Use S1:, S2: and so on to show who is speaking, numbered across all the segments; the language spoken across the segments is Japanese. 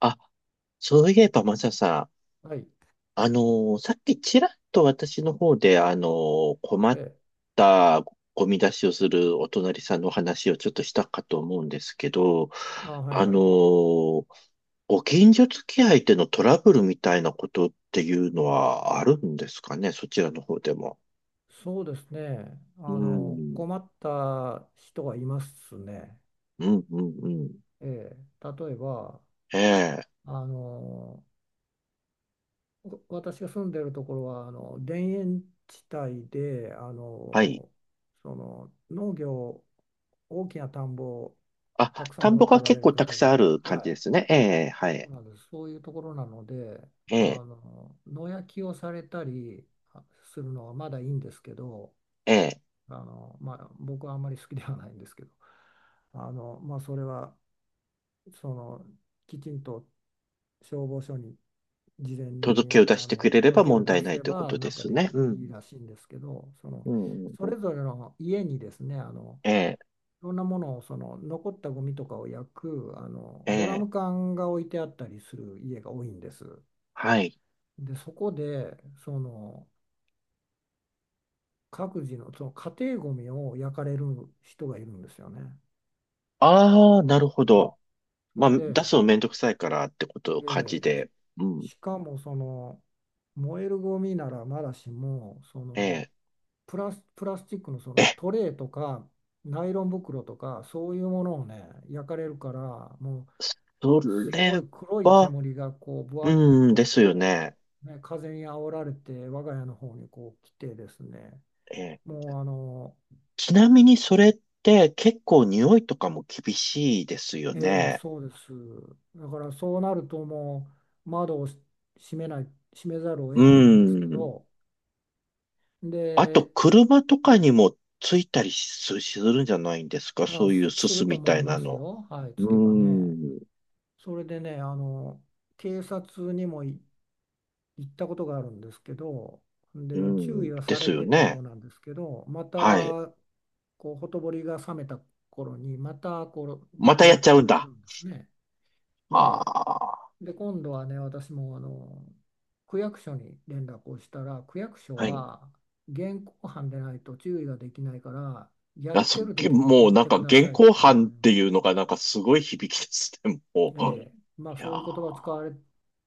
S1: あ、そういえば、マサさん、
S2: はい。
S1: さっきちらっと私の方で、困っ
S2: え、
S1: たゴミ出しをするお隣さんのお話をちょっとしたかと思うんですけど、
S2: あ、はい
S1: あの
S2: はい。
S1: ーご近所付き合いでのトラブルみたいなことっていうのはあるんですかね、そちらの方でも。
S2: そうですね。
S1: うん、
S2: 困った人がいますね。
S1: うん。
S2: ええ、例えば、
S1: ええ、
S2: あの、私が住んでるところは、田園地帯で、
S1: はい。
S2: 農業、大きな田んぼを
S1: あ、
S2: たくさん
S1: 田ん
S2: 持
S1: ぼ
S2: って
S1: が
S2: おら
S1: 結
S2: れる
S1: 構たく
S2: 方
S1: さんあ
S2: が、
S1: る感
S2: は
S1: じ
S2: い、
S1: ですね。ええ、は
S2: そう
S1: い。
S2: なんです。そういうところなので、
S1: ええ、
S2: 野焼きをされたりあするのはまだいいんですけど、
S1: ええ。
S2: まあ、僕はあんまり好きではないんですけど、まあ、それはそのきちんと消防署に事前
S1: 届けを
S2: に
S1: 出してくれれば
S2: 届けを
S1: 問
S2: 出
S1: 題な
S2: せ
S1: いというこ
S2: ば
S1: と
S2: な
S1: で
S2: んか
S1: す
S2: で
S1: ね。
S2: き
S1: う
S2: いい
S1: ん。
S2: らしいんですけど、その
S1: うん、うん、
S2: そ
S1: うん。
S2: れぞれの家にですね、
S1: ええ、
S2: いろんなものを残ったゴミとかを焼く
S1: え
S2: ドラ
S1: え、
S2: ム缶が置いてあったりする家が多いんです。
S1: はい。
S2: で、そこでその各自の、その家庭ゴミを焼かれる人がいるんですよね。
S1: ああ、なるほ
S2: うん、
S1: ど。
S2: そ
S1: まあ、
S2: れ
S1: 出
S2: で、
S1: すのめんどくさいからってことを
S2: え
S1: 感じ
S2: え、
S1: で。うん。
S2: しかも燃えるゴミならまだしも
S1: え
S2: プラスチックのそ
S1: え、
S2: の
S1: え、
S2: トレーとかナイロン袋とかそういうものをね焼かれるから、もう
S1: そ
S2: すご
S1: れ
S2: い黒い
S1: は、
S2: 煙がこうぶわっ
S1: うん、
S2: と
S1: ですよね。
S2: 風に煽られて我が家の方にこう来てですね、
S1: ええ。
S2: もうあの
S1: ちなみにそれって結構匂いとかも厳しいですよ
S2: ええ、
S1: ね。
S2: そうです。だからそうなるともう窓を閉めざるを
S1: う
S2: 得ないんですけ
S1: ん。
S2: ど、
S1: あと、
S2: で、
S1: 車とかにもついたりすするんじゃないんですかそういうす
S2: す
S1: す
S2: ると
S1: み
S2: 思
S1: た
S2: い
S1: いな
S2: ます
S1: の。
S2: よ。はい、
S1: う
S2: つ
S1: ー
S2: けばね。
S1: ん、う
S2: それでね、あの、警察にも行ったことがあるんですけど、で、注
S1: ん、
S2: 意は
S1: で
S2: さ
S1: す
S2: れ
S1: よ
S2: てたよ
S1: ね。
S2: うなんですけど、ま
S1: はい。
S2: た、こう、ほとぼりが冷めた頃に、また、
S1: またやっちゃうん
S2: や
S1: だ。
S2: るんですね。え
S1: ああ、
S2: え。で、今度はね、私も、あの、区役所に連絡をしたら、区役所
S1: はい。
S2: は、現行犯でないと注意ができないから、や
S1: あ、
S2: っ
S1: そ、
S2: てる
S1: げ
S2: 時に
S1: も
S2: 言っ
S1: うなん
S2: て
S1: か
S2: くだ
S1: 現
S2: さいっ
S1: 行
S2: て言
S1: 犯
S2: わ
S1: っ
S2: れる。
S1: ていうのがなんかすごい響きですね、も
S2: え
S1: う。い
S2: え、まあ
S1: や
S2: そういう言葉を使われ
S1: ー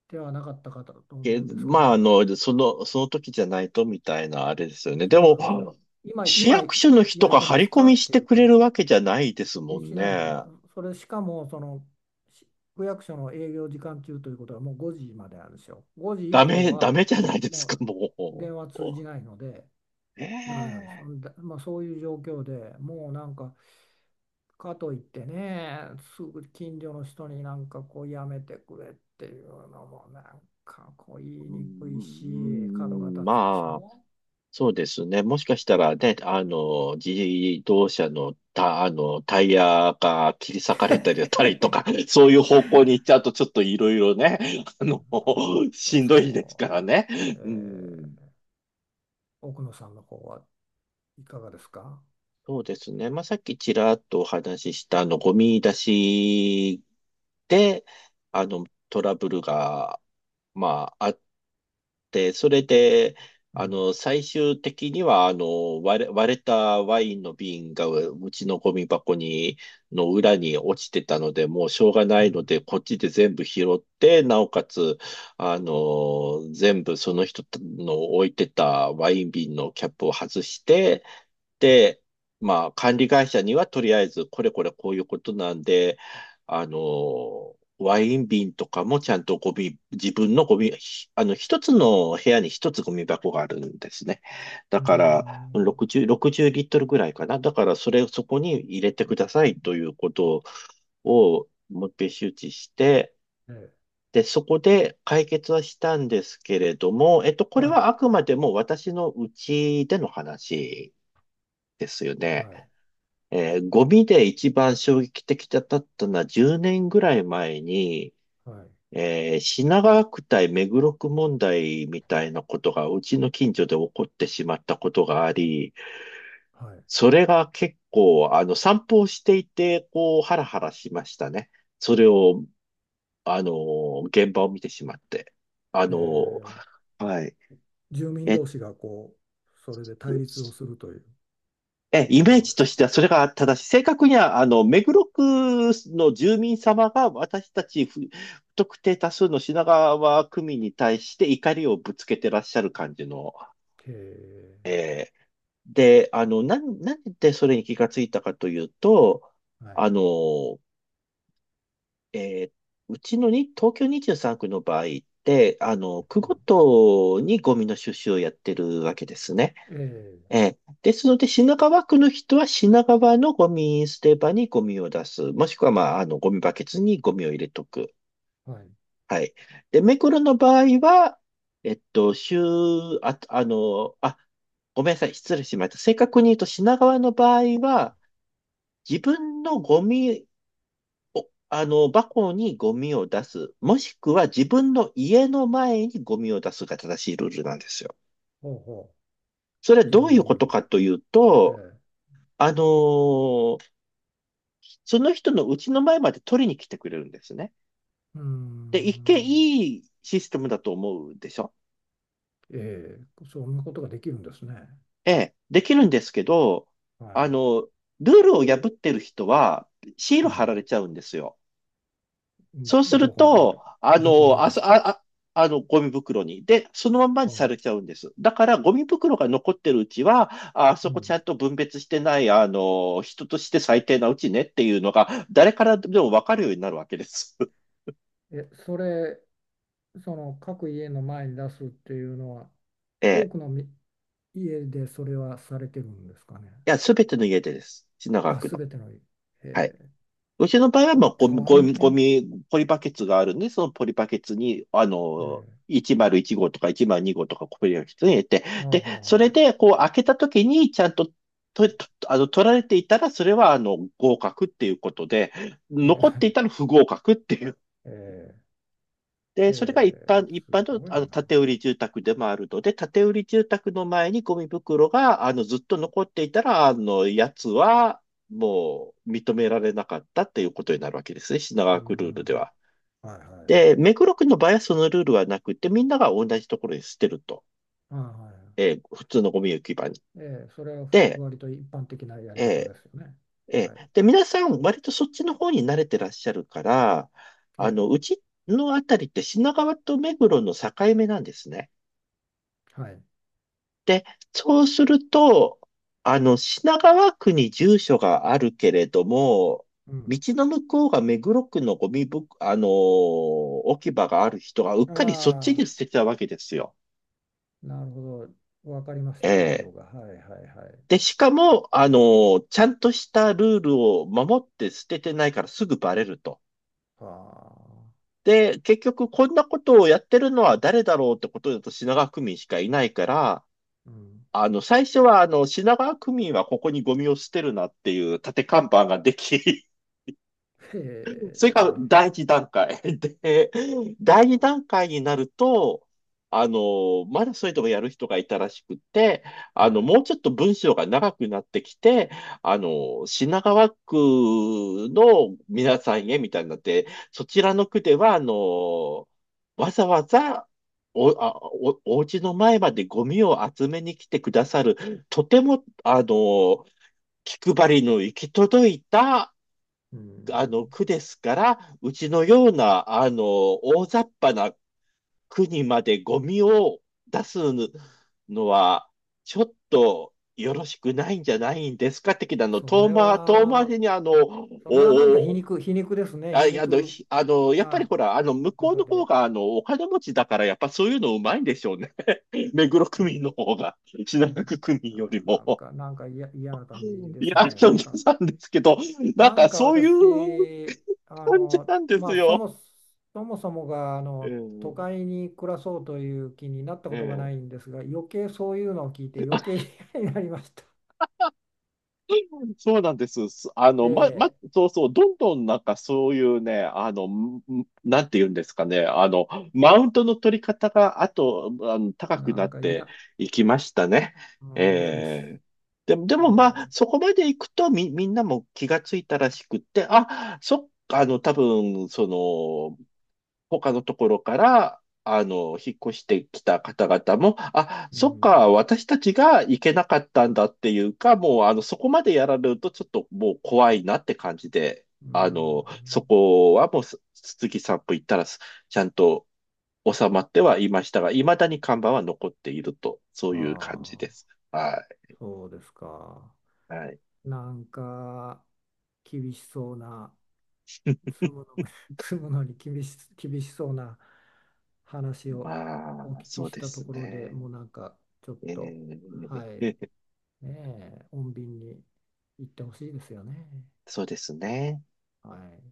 S2: てはなかったかと思
S1: け、
S2: うんですけ
S1: まあ、あ
S2: ど、
S1: の、その時じゃないとみたいなあれですよね。で
S2: そうなんですよ。
S1: も、市
S2: 今
S1: 役所の人
S2: 焼い
S1: が
S2: て
S1: 張
S2: ま
S1: り
S2: す
S1: 込
S2: か
S1: み
S2: っ
S1: し
S2: てい
S1: て
S2: う
S1: くれ
S2: 感じ
S1: る
S2: で。
S1: わけじゃないですもん
S2: しないで、
S1: ね。
S2: それしかもそのし区役所の営業時間中ということはもう5時までなんですよ。5時以降
S1: ダメ
S2: は
S1: じゃないです
S2: も
S1: か、
S2: う
S1: もう。
S2: 電話通じないので
S1: ね
S2: ダメなんです。
S1: え。
S2: まあ、そういう状況でもうかといってね、すぐ近所の人になんかこうやめてくれっていうのもなんかこう言い
S1: うー
S2: にくいし、角が
S1: ん、
S2: 立つでし
S1: まあ。
S2: ょ。
S1: そうですね。もしかしたらね、あの、自動車のた、あの、タイヤが切り裂かれたりだったりとか、そういう方向に行っちゃうとちょっといろいろね、あの、
S2: ほん
S1: し
S2: と
S1: んどいですか
S2: そ
S1: らね。
S2: う。
S1: う
S2: え
S1: ん。
S2: ー奥野さんの方はいかがですか？
S1: そうですね。まあ、さっきちらっとお話しした、あの、ゴミ出しで、あの、トラブルが、まあ、あっで、それで、
S2: う
S1: あ
S2: ん、
S1: の、最終的には、あの、割れたワインの瓶がうちのゴミ箱に、の裏に落ちてたので、もうしょうがな
S2: う
S1: いの
S2: ん、
S1: で、こっちで全部拾って、なおかつ、あの、全部その人の置いてたワイン瓶のキャップを外して、まあ、管理会社にはとりあえず、これこれこういうことなんで、あの、ワイン瓶とかもちゃんとゴミ、自分のゴミ、ひあの、一つの部屋に一つゴミ箱があるんですね。だ
S2: うー
S1: から、
S2: ん、
S1: 60リットルぐらいかな。だから、それをそこに入れてくださいということを、もう一遍周知して、
S2: ええ、
S1: で、そこで解決はしたんですけれども、えっと、これ
S2: は
S1: はあくまでも私のうちでの話ですよ
S2: い、
S1: ね。
S2: はい、
S1: ゴミで一番衝撃的だったのは10年ぐらい前に、
S2: はい、
S1: 品川区対目黒区問題みたいなことがうちの近所で起こってしまったことがあり、
S2: はい。
S1: それが結構、あの、散歩をしていて、こう、ハラハラしましたね。それを、あの、現場を見てしまって。あ
S2: え
S1: の、
S2: ー
S1: はい。
S2: 住民
S1: えっ
S2: 同士がこう、それで対
S1: と、
S2: 立をするという
S1: え、イ
S2: とこ
S1: メー
S2: ろ
S1: ジ
S2: です
S1: とし
S2: か。
S1: てはそれが正しい。正確には、あの、目黒区の住民様が私たち不特定多数の品川区民に対して怒りをぶつけてらっしゃる感じの、
S2: へえ、
S1: えーで、あの、なんでそれに気がついたかというと、
S2: はい。
S1: あの、えーうちのに、東京23区の場合って、あの、区
S2: う
S1: ご
S2: ん、
S1: とにゴミの収集をやってるわけですね。
S2: え
S1: ええ。ですので、品川区の人は品川のゴミ捨て場にゴミを出す。もしくは、まあ、あの、ゴミバケツにゴミを入れとく。
S2: え、はい。
S1: はい。で、目黒の場合は、えっと、週、あ、あの、あ、ごめんなさい。失礼しました。正確に言うと、品川の場合は、自分のゴミを、あの、箱にゴミを出す。もしくは、自分の家の前にゴミを出すが正しいルールなんですよ。
S2: ほうほ
S1: それは
S2: う。自
S1: ど
S2: 分
S1: うい
S2: の
S1: うこ
S2: 家の
S1: と
S2: 前。
S1: かという
S2: え
S1: と、
S2: え。
S1: あのその人の家の前まで取りに来てくれるんですね。
S2: うー
S1: で、一見
S2: ん。
S1: いいシステムだと思うでしょ
S2: ええ、そんなことができるんですね。
S1: ええ、できるんですけど、
S2: は
S1: あ
S2: い。
S1: の、ルールを破ってる人はシール
S2: は
S1: 貼ら
S2: い。
S1: れちゃうんですよ。
S2: ん
S1: そうす
S2: ど
S1: る
S2: こに、
S1: と、
S2: ど
S1: あ
S2: どこ
S1: の、
S2: に
S1: あ
S2: です
S1: そ、
S2: か。
S1: あ、あ、あの、ゴミ袋に。で、そのまんまに
S2: あ
S1: さ
S2: あ、
S1: れちゃうんです。だから、ゴミ袋が残ってるうちは、ああ
S2: う
S1: そこち
S2: ん。
S1: ゃんと分別してない、あの、人として最低なうちねっていうのが、誰からでもわかるようになるわけです。
S2: え、それ、その各家の前に出すっていうのは、
S1: え
S2: 多
S1: え。
S2: くのみ家でそれはされてるんですかね。
S1: や、すべての家でです。品川
S2: あ、
S1: 区
S2: す
S1: の。
S2: べての家。
S1: はい。
S2: ええ、
S1: うちの場合は、
S2: そ
S1: ま
S2: れ
S1: あ、
S2: 大
S1: ゴ
S2: 変。
S1: ミポリバケツがあるんで、そのポリバケツに、あ
S2: え
S1: の、
S2: え、
S1: 101号とか102号とかポリバケツに入れて、
S2: ああ、
S1: で、それ
S2: は
S1: で、こう、開けた時に、ちゃんと、と、とあの、取られていたら、それは、あの、合格っていうことで、
S2: あは
S1: 残ってい
S2: あ
S1: たら不合格っていう
S2: ええ、
S1: で、それが
S2: ええ
S1: 一
S2: す
S1: 般の、
S2: ごい
S1: あの、
S2: な。
S1: 建売り住宅でもあるので、建売り住宅の前にゴミ袋が、あの、ずっと残っていたら、あの、やつは、もう、認められなかったっていうことになるわけですね。品
S2: う
S1: 川区ルールで
S2: ん。
S1: は。
S2: はいはい。
S1: で、目黒区の場合はそのルールはなくて、みんなが同じところに捨てると。
S2: あはいは
S1: 普通のゴミ置き場に。
S2: い。ええ、それは
S1: で、
S2: 割と一般的なやり方
S1: え
S2: ですよね。
S1: ー
S2: はい。
S1: で、皆さん、割とそっちの方に慣れてらっしゃるから、
S2: え
S1: あ
S2: え、
S1: の、うちのあたりって品川と目黒の境目なんですね。
S2: はい。
S1: で、そうすると、あの、品川区に住所があるけれども、
S2: うん。
S1: 道の向こうが目黒区のゴミぶ、置き場がある人がうっ
S2: あ
S1: かりそっちに
S2: あ、
S1: 捨てたわけですよ。
S2: なるほど。わかりまし
S1: え
S2: た、状
S1: え。
S2: 況が。はいはいはい。
S1: で、しかも、ちゃんとしたルールを守って捨ててないからすぐバレると。
S2: はあ。
S1: で、結局こんなことをやってるのは誰だろうってことだと品川区民しかいないから、
S2: うん。
S1: あの、最初は、あの、品川区民はここにゴミを捨てるなっていう立て看板ができ、
S2: へ
S1: それが
S2: え。
S1: 第一段階。で、第二段階になると、あの、まだそれでもやる人がいたらしくて、
S2: は
S1: あの、もうちょっと文章が長くなってきて、あの、品川区の皆さんへみたいになって、そちらの区では、あの、わざわざ、お、あ、お、お家の前までゴミを集めに来てくださる、とても、あの、気配りの行き届いた、
S2: い。う
S1: あの
S2: ん。
S1: 区ですから、うちのようなあの大雑把な区にまでゴミを出すのは、ちょっとよろしくないんじゃないんですか的なの、
S2: それ
S1: 遠回
S2: は、
S1: りにあの、
S2: そ
S1: お
S2: れはなんか
S1: お
S2: 皮肉ですね。
S1: あ、
S2: 皮
S1: いやあの、
S2: 肉
S1: ひあの、やっぱり
S2: な
S1: ほら、あの、
S2: 言
S1: 向
S2: い
S1: こう
S2: 方
S1: の方
S2: で。
S1: が、あの、お金持ちだから、やっぱそういうのうまいんでしょうね。目黒
S2: え
S1: 区民の
S2: ー
S1: 方が、品川区民よ
S2: あ
S1: り
S2: ーなん
S1: も。
S2: か、嫌な感じで
S1: い
S2: す
S1: や、あの、
S2: ね。
S1: さんですけど、なん
S2: なん
S1: か
S2: か
S1: そういう
S2: 私、あ
S1: 感じ
S2: の、
S1: なんで
S2: ま
S1: す
S2: あ、そ
S1: よ。
S2: もそもそもがあの都
S1: ええ
S2: 会に暮らそうという気になったことが
S1: え
S2: な
S1: え
S2: いんですが、そういうのを聞いて余計嫌になりました。
S1: そうなんです。すあ の、
S2: え
S1: そうそう、どんどんなんかそういうね、あの、んんなんて言うんですかね、あの、マウントの取り方が、あと、あの、
S2: え、
S1: 高く
S2: な
S1: なっ
S2: んか
S1: て
S2: 嫌、
S1: いきましたね。
S2: うん、嫌です。
S1: ええでも、でもま
S2: え
S1: あ、そこまで行くとみ、みんなも気がついたらしくって、あ、そっか、あの、多分、そ他のところから、あの、引っ越してきた方々も、あ、
S2: え、う
S1: そっ
S2: ん、
S1: か、私たちが行けなかったんだっていうか、もう、あの、そこまでやられるとちょっともう怖いなって感じで、
S2: う
S1: あ
S2: ん、
S1: の、そこはもう、す杉さん歩行ったらす、ちゃんと収まってはいましたが、未だに看板は残っていると、そう
S2: あ
S1: いう感じ
S2: あ、
S1: です。は
S2: そうですか。
S1: い。はい。
S2: なんか厳しそうな住むの、住むのに厳しそうな話をお
S1: まあ、
S2: 聞き
S1: そう
S2: し
S1: で
S2: た
S1: す
S2: ところで
S1: ね。
S2: もうなんかちょっ
S1: え
S2: と、はい、
S1: ー
S2: ねえ、穏便に行ってほしいですよね。
S1: そうですね。
S2: はい。